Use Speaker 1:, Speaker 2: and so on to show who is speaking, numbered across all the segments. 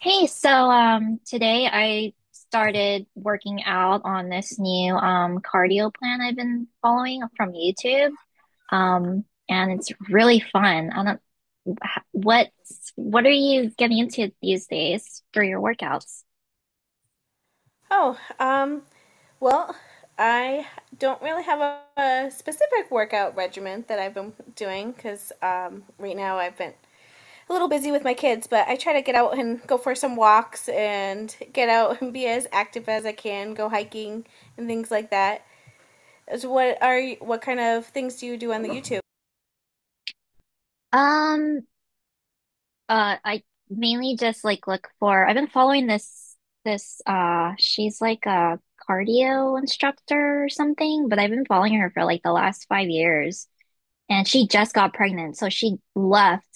Speaker 1: Hey, so today I started working out on this new cardio plan I've been following from YouTube. And it's really fun. I don't wh- what's what are you getting into these days for your workouts?
Speaker 2: Oh, um, well, I don't really have a specific workout regimen that I've been doing because right now I've been a little busy with my kids, but I try to get out and go for some walks and get out and be as active as I can, go hiking and things like that. So what kind of things do you do on the YouTube?
Speaker 1: Um I mainly just like look for I've been following this she's like a cardio instructor or something, but I've been following her for like the last 5 years. And she just got pregnant. So she left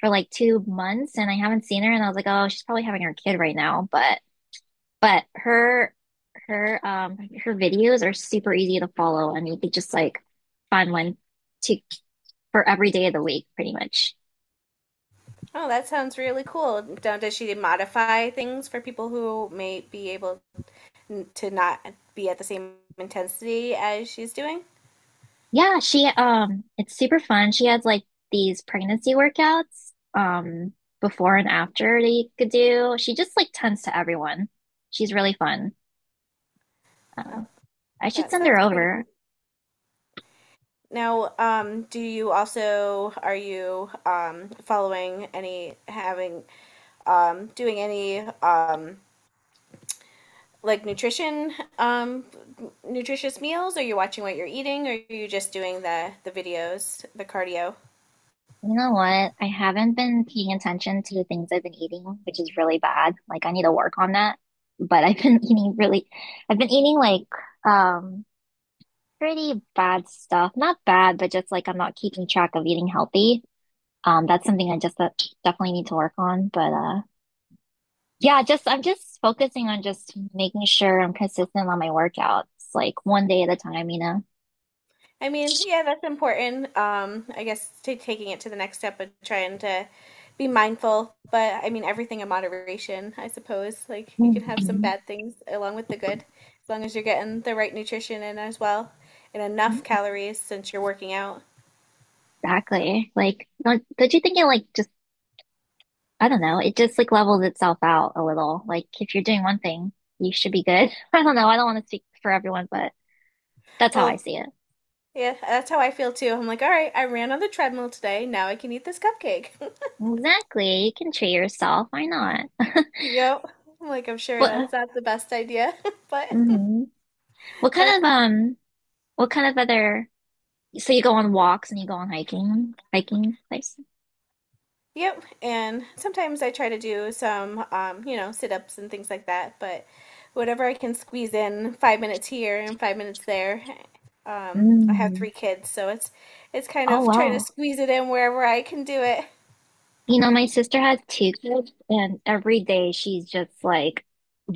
Speaker 1: for like 2 months and I haven't seen her. And I was like, oh, she's probably having her kid right now. But, but her, her, um, her videos are super easy to follow and you could just like find one to for every day of the week, pretty much.
Speaker 2: Oh, that sounds really cool. Does she modify things for people who may be able to not be at the same intensity as she's doing?
Speaker 1: Yeah. It's super fun. She has like these pregnancy workouts, before and after that you could do. She just like tends to everyone. She's really fun.
Speaker 2: Well,
Speaker 1: Um, I should
Speaker 2: that
Speaker 1: send her
Speaker 2: sounds pretty good.
Speaker 1: over.
Speaker 2: Now, do you also are you following any having doing any like nutrition um nutritious meals? Are you watching what you're eating? Or are you just doing the videos, the cardio?
Speaker 1: You know what? I haven't been paying attention to the things I've been eating, which is really bad. Like I need to work on that. But I've been I've been eating like um pretty bad stuff. Not bad, but just like I'm not keeping track of eating healthy. That's something I just definitely need to work on. But Yeah, just I'm just focusing on just making sure I'm consistent on my workouts, like one day at a time, you know.
Speaker 2: I mean, yeah, that's important. I guess to taking it to the next step of trying to be mindful, but I mean everything in moderation, I suppose. Like you can have some
Speaker 1: Mhm.
Speaker 2: bad things along with the good, as long as you're getting the right nutrition in as well and enough calories since you're working out.
Speaker 1: Exactly. Like, don't you think it like just I don't know. It just like levels itself out a little. Like if you're doing one thing, you should be good. I don't know. I don't want to speak for everyone, but that's how I
Speaker 2: Well,
Speaker 1: see it.
Speaker 2: yeah, that's how I feel too. I'm like, all right, I ran on the treadmill today. Now I can eat this cupcake.
Speaker 1: Exactly. You can treat yourself. Why not?
Speaker 2: Yep. I'm like, I'm sure
Speaker 1: What,
Speaker 2: that's not the best idea, but
Speaker 1: hmm What kind
Speaker 2: that's
Speaker 1: of what kind of other so you go on walks and you go on hiking places?
Speaker 2: Yep, and sometimes I try to do some, sit ups and things like that, but whatever I can squeeze in, 5 minutes here and 5 minutes there. I have
Speaker 1: Mm.
Speaker 2: three kids, so it's kind
Speaker 1: Oh
Speaker 2: of trying to
Speaker 1: wow.
Speaker 2: squeeze it in wherever I can do it.
Speaker 1: You know, my sister has two kids and every day she's just like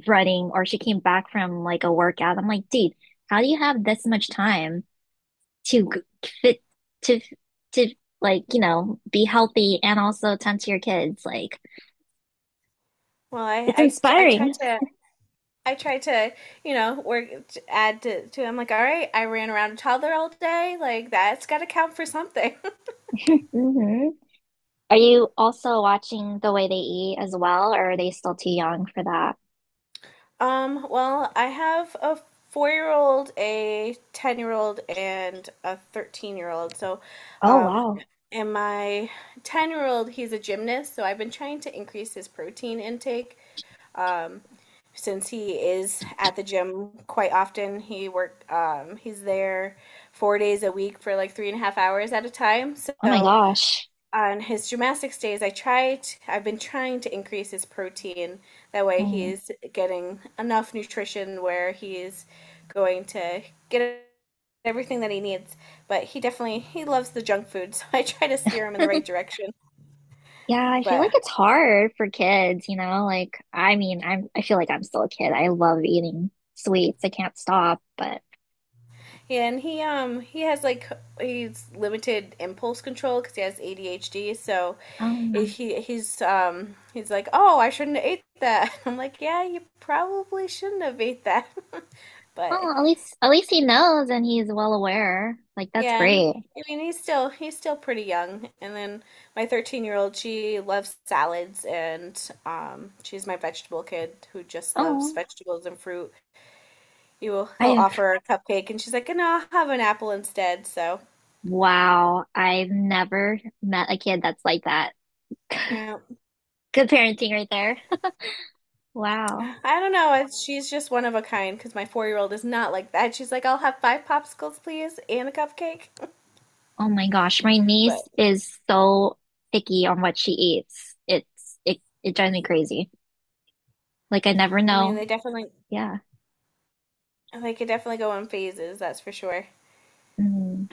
Speaker 1: running or she came back from like a workout. I'm like, dude, how do you have this much time? To g- fit to to like you know be healthy and also tend to your kids like
Speaker 2: Well, I
Speaker 1: it's
Speaker 2: I, I try
Speaker 1: inspiring.
Speaker 2: to I try to you know work add to I'm like, all right, I ran around a toddler all day, like that's got to count for something.
Speaker 1: Hmm, are you also watching the way they eat as well or are they still too young for that?
Speaker 2: Well, I have a 4 year old, a 10-year-old, and a 13-year-old. So,
Speaker 1: Oh
Speaker 2: um,
Speaker 1: wow.
Speaker 2: and my 10-year-old, he's a gymnast. So I've been trying to increase his protein intake. Um, since he is at the gym quite often, he's there 4 days a week for like three and a half hours at a time.
Speaker 1: Oh my
Speaker 2: So,
Speaker 1: gosh.
Speaker 2: on his gymnastics days, I've been trying to increase his protein. That way
Speaker 1: Mm.
Speaker 2: he's getting enough nutrition where he's going to get everything that he needs. But he definitely, he loves the junk food, so I try to steer him in the right direction.
Speaker 1: Yeah, I feel like
Speaker 2: But,
Speaker 1: it's hard for kids, you know, like I mean I feel like I'm still a kid, I love eating sweets, I can't stop, but
Speaker 2: and he has like, he's limited impulse control because he has ADHD, so
Speaker 1: um
Speaker 2: he's he's like, "Oh, I shouldn't have ate that." I'm like, "Yeah, you probably shouldn't have ate that." but
Speaker 1: oh, at least, at least he knows and he's well aware, like that's
Speaker 2: Yeah, and
Speaker 1: great.
Speaker 2: I mean he's still pretty young. And then my 13-year-old, she loves salads, and she's my vegetable kid who just loves
Speaker 1: Oh.
Speaker 2: vegetables and fruit. You will
Speaker 1: I
Speaker 2: he'll
Speaker 1: have,
Speaker 2: offer her a cupcake and she's like, "No, I'll have an apple instead." So,
Speaker 1: wow, I've never met a kid that's like that.
Speaker 2: yeah.
Speaker 1: Good parenting right there. Wow.
Speaker 2: I don't know. She's just one of a kind, because my 4-year-old is not like that. She's like, "I'll have five popsicles, please, and a cupcake."
Speaker 1: Oh my gosh, my niece
Speaker 2: But
Speaker 1: is so picky on what she eats. It drives me crazy. Like I never
Speaker 2: I mean,
Speaker 1: know.
Speaker 2: they definitely
Speaker 1: Yeah.
Speaker 2: they could definitely go in phases, that's for sure.
Speaker 1: Mm.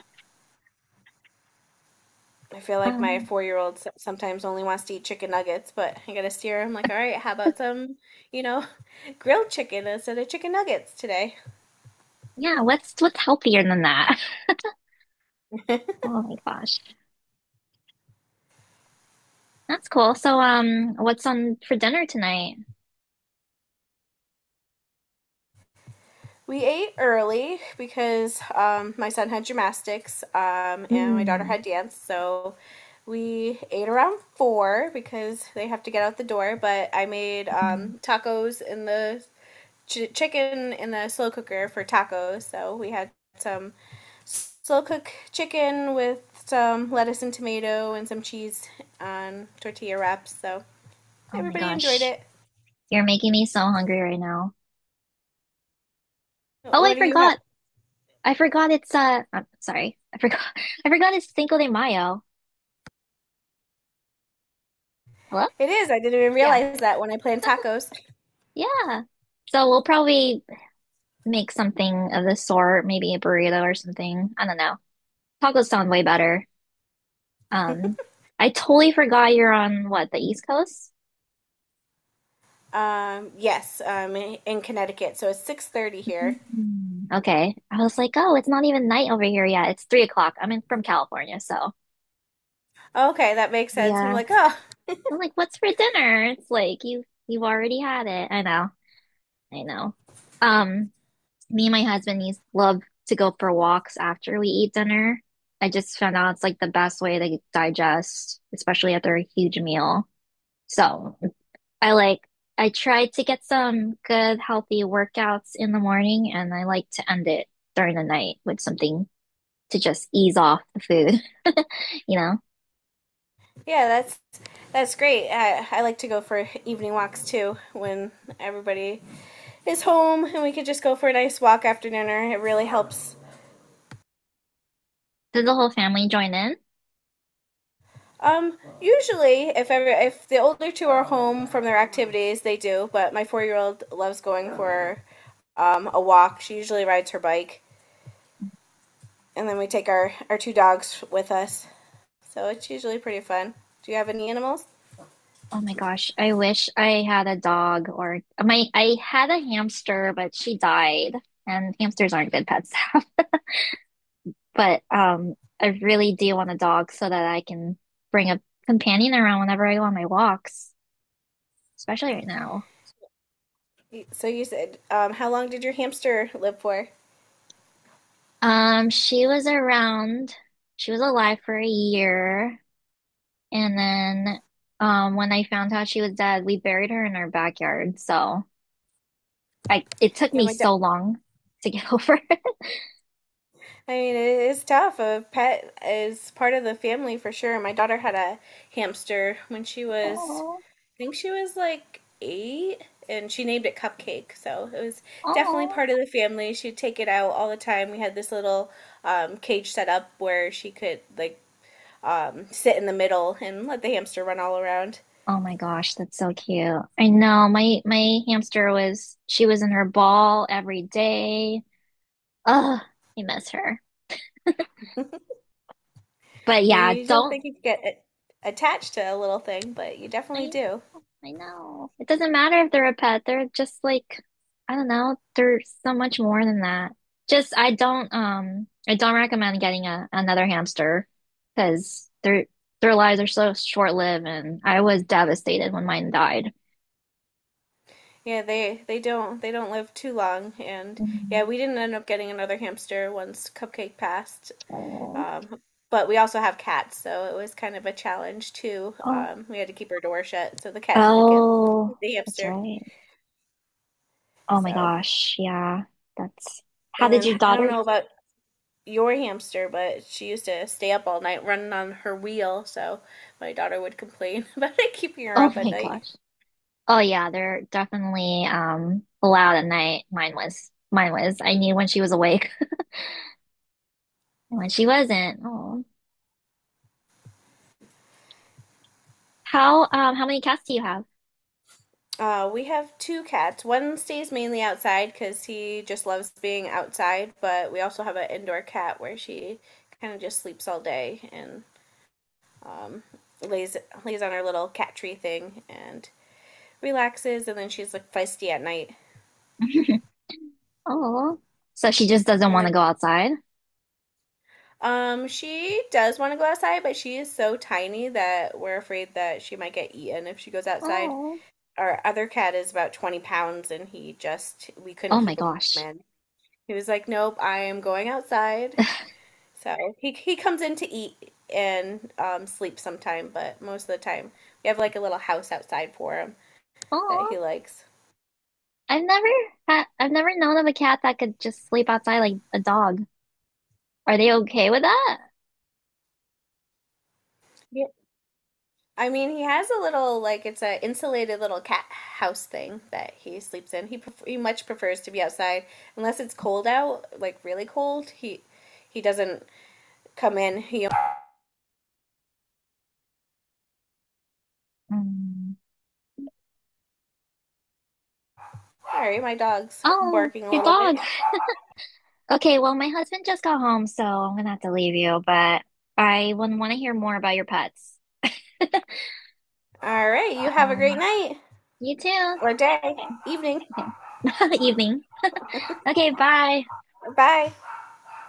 Speaker 2: I feel like my
Speaker 1: Um,
Speaker 2: 4 year old sometimes only wants to eat chicken nuggets, but I gotta steer him like, all right, how about some, you know, grilled chicken instead of chicken nuggets today?
Speaker 1: yeah, what's healthier than that? Oh my gosh. That's cool. So what's on for dinner tonight?
Speaker 2: We ate early because my son had gymnastics and my daughter
Speaker 1: Mm.
Speaker 2: had dance, so we ate around four because they have to get out the door. But I made
Speaker 1: Mm.
Speaker 2: tacos in the chicken in the slow cooker for tacos, so we had some slow cook chicken with some lettuce and tomato and some cheese on tortilla wraps. So
Speaker 1: Oh my
Speaker 2: everybody enjoyed
Speaker 1: gosh.
Speaker 2: it.
Speaker 1: You're making me so hungry right now. Oh, I
Speaker 2: What do you have?
Speaker 1: forgot. I forgot it's I'm sorry. I forgot I forgot it's Cinco de Mayo. Hello?
Speaker 2: It is. I didn't even
Speaker 1: Yeah.
Speaker 2: realize that when I planned tacos.
Speaker 1: Yeah. So we'll probably make something of the sort, maybe a burrito or something. I don't know. Tacos sound way better. Um, I totally forgot you're on what, the East Coast?
Speaker 2: Yes, in Connecticut. So it's 6:30 here.
Speaker 1: Mm, okay. I was like, oh, it's not even night over here yet. It's 3 o'clock. I'm in from California, so
Speaker 2: Okay, that makes sense. I'm
Speaker 1: yeah.
Speaker 2: like, oh,
Speaker 1: I'm like, what's for dinner? It's like you've already had it. I know. I know. Um, me and my husband needs love to go for walks after we eat dinner. I just found out it's like the best way to digest, especially after a huge meal. So I like I try to get some good healthy workouts in the morning and I like to end it during the night with something to just ease off the food, you know?
Speaker 2: yeah, that's great. I like to go for evening walks too when everybody is home and we could just go for a nice walk after dinner. It really helps.
Speaker 1: Did the whole family join in?
Speaker 2: Usually, if the older two are home from their activities, they do. But my 4 year old loves going for a walk. She usually rides her bike, and then we take our two dogs with us. So it's usually pretty fun. Do you have any animals?
Speaker 1: Oh my gosh, I wish I had a dog or my I had a hamster, but she died, and hamsters aren't good pets to have. But I really do want a dog so that I can bring a companion around whenever I go on my walks, especially right now.
Speaker 2: So you said, how long did your hamster live for?
Speaker 1: She was around, she was alive for a year, and then when I found out she was dead, we buried her in our backyard. So it took
Speaker 2: Yeah,
Speaker 1: me
Speaker 2: my da-
Speaker 1: so long to get over it.
Speaker 2: I mean, it is tough. A pet is part of the family for sure. My daughter had a hamster when she was,
Speaker 1: Oh,
Speaker 2: think she was like eight, and she named it Cupcake. So it was definitely
Speaker 1: oh.
Speaker 2: part of the family. She'd take it out all the time. We had this little cage set up where she could like sit in the middle and let the hamster run all around.
Speaker 1: Oh my gosh, that's so cute. I know, my hamster was, she was in her ball every day. Ugh, I miss her. But yeah,
Speaker 2: You don't
Speaker 1: don't
Speaker 2: think you get it attached to a little thing, but you
Speaker 1: I
Speaker 2: definitely do.
Speaker 1: know? I know. It doesn't matter if they're a pet. They're just like I don't know, they're so much more than that. Just I don't recommend getting a another hamster because their lives are so short-lived and I was devastated when mine died.
Speaker 2: Yeah, they don't live too long, and yeah,
Speaker 1: Mm.
Speaker 2: we didn't end up getting another hamster once Cupcake passed.
Speaker 1: Oh.
Speaker 2: Um, but we also have cats, so it was kind of a challenge too.
Speaker 1: Oh.
Speaker 2: We had to keep our door shut so the cat didn't get
Speaker 1: Oh,
Speaker 2: the
Speaker 1: that's
Speaker 2: hamster.
Speaker 1: right. Oh my
Speaker 2: So,
Speaker 1: gosh. Yeah. That's how
Speaker 2: and
Speaker 1: did your
Speaker 2: then I don't
Speaker 1: daughter?
Speaker 2: know about your hamster, but she used to stay up all night running on her wheel, so my daughter would complain about it keeping her
Speaker 1: Oh
Speaker 2: up at
Speaker 1: my
Speaker 2: night.
Speaker 1: gosh. Oh yeah, they're definitely loud at night. Mine was. Mine was. I knew when she was awake and when she wasn't. Oh. How many cats do you have?
Speaker 2: We have two cats. One stays mainly outside because he just loves being outside, but we also have an indoor cat where she kind of just sleeps all day and um, lays lays on her little cat tree thing and relaxes, and then she's like feisty at night.
Speaker 1: Oh. So she just doesn't
Speaker 2: I'm
Speaker 1: want to
Speaker 2: like,
Speaker 1: go outside?
Speaker 2: she does want to go outside, but she is so tiny that we're afraid that she might get eaten if she goes outside.
Speaker 1: Oh.
Speaker 2: Our other cat is about 20 pounds, and he just we couldn't
Speaker 1: Oh my
Speaker 2: keep him
Speaker 1: gosh.
Speaker 2: in. He was like, nope, I am going outside. So he comes in to eat and sleep sometime, but most of the time we have like a little house outside for him that he
Speaker 1: Oh.
Speaker 2: likes.
Speaker 1: I've never I've never known of a cat that could just sleep outside like a dog. Are they okay with that?
Speaker 2: Yeah. I mean, he has a little, like it's a insulated little cat house thing that he sleeps in. He much prefers to be outside unless it's cold out, like really cold. He doesn't come in. He
Speaker 1: Mm.
Speaker 2: Sorry, my dog's
Speaker 1: Oh,
Speaker 2: barking a
Speaker 1: your
Speaker 2: little bit.
Speaker 1: dog. Okay, well, my husband just got home, so I'm gonna have to leave you, but I would want to hear more about your pets.
Speaker 2: All right, you have a great
Speaker 1: Um,
Speaker 2: night
Speaker 1: you too.
Speaker 2: or day,
Speaker 1: Okay,
Speaker 2: evening.
Speaker 1: okay. Evening. Okay, bye.
Speaker 2: Bye.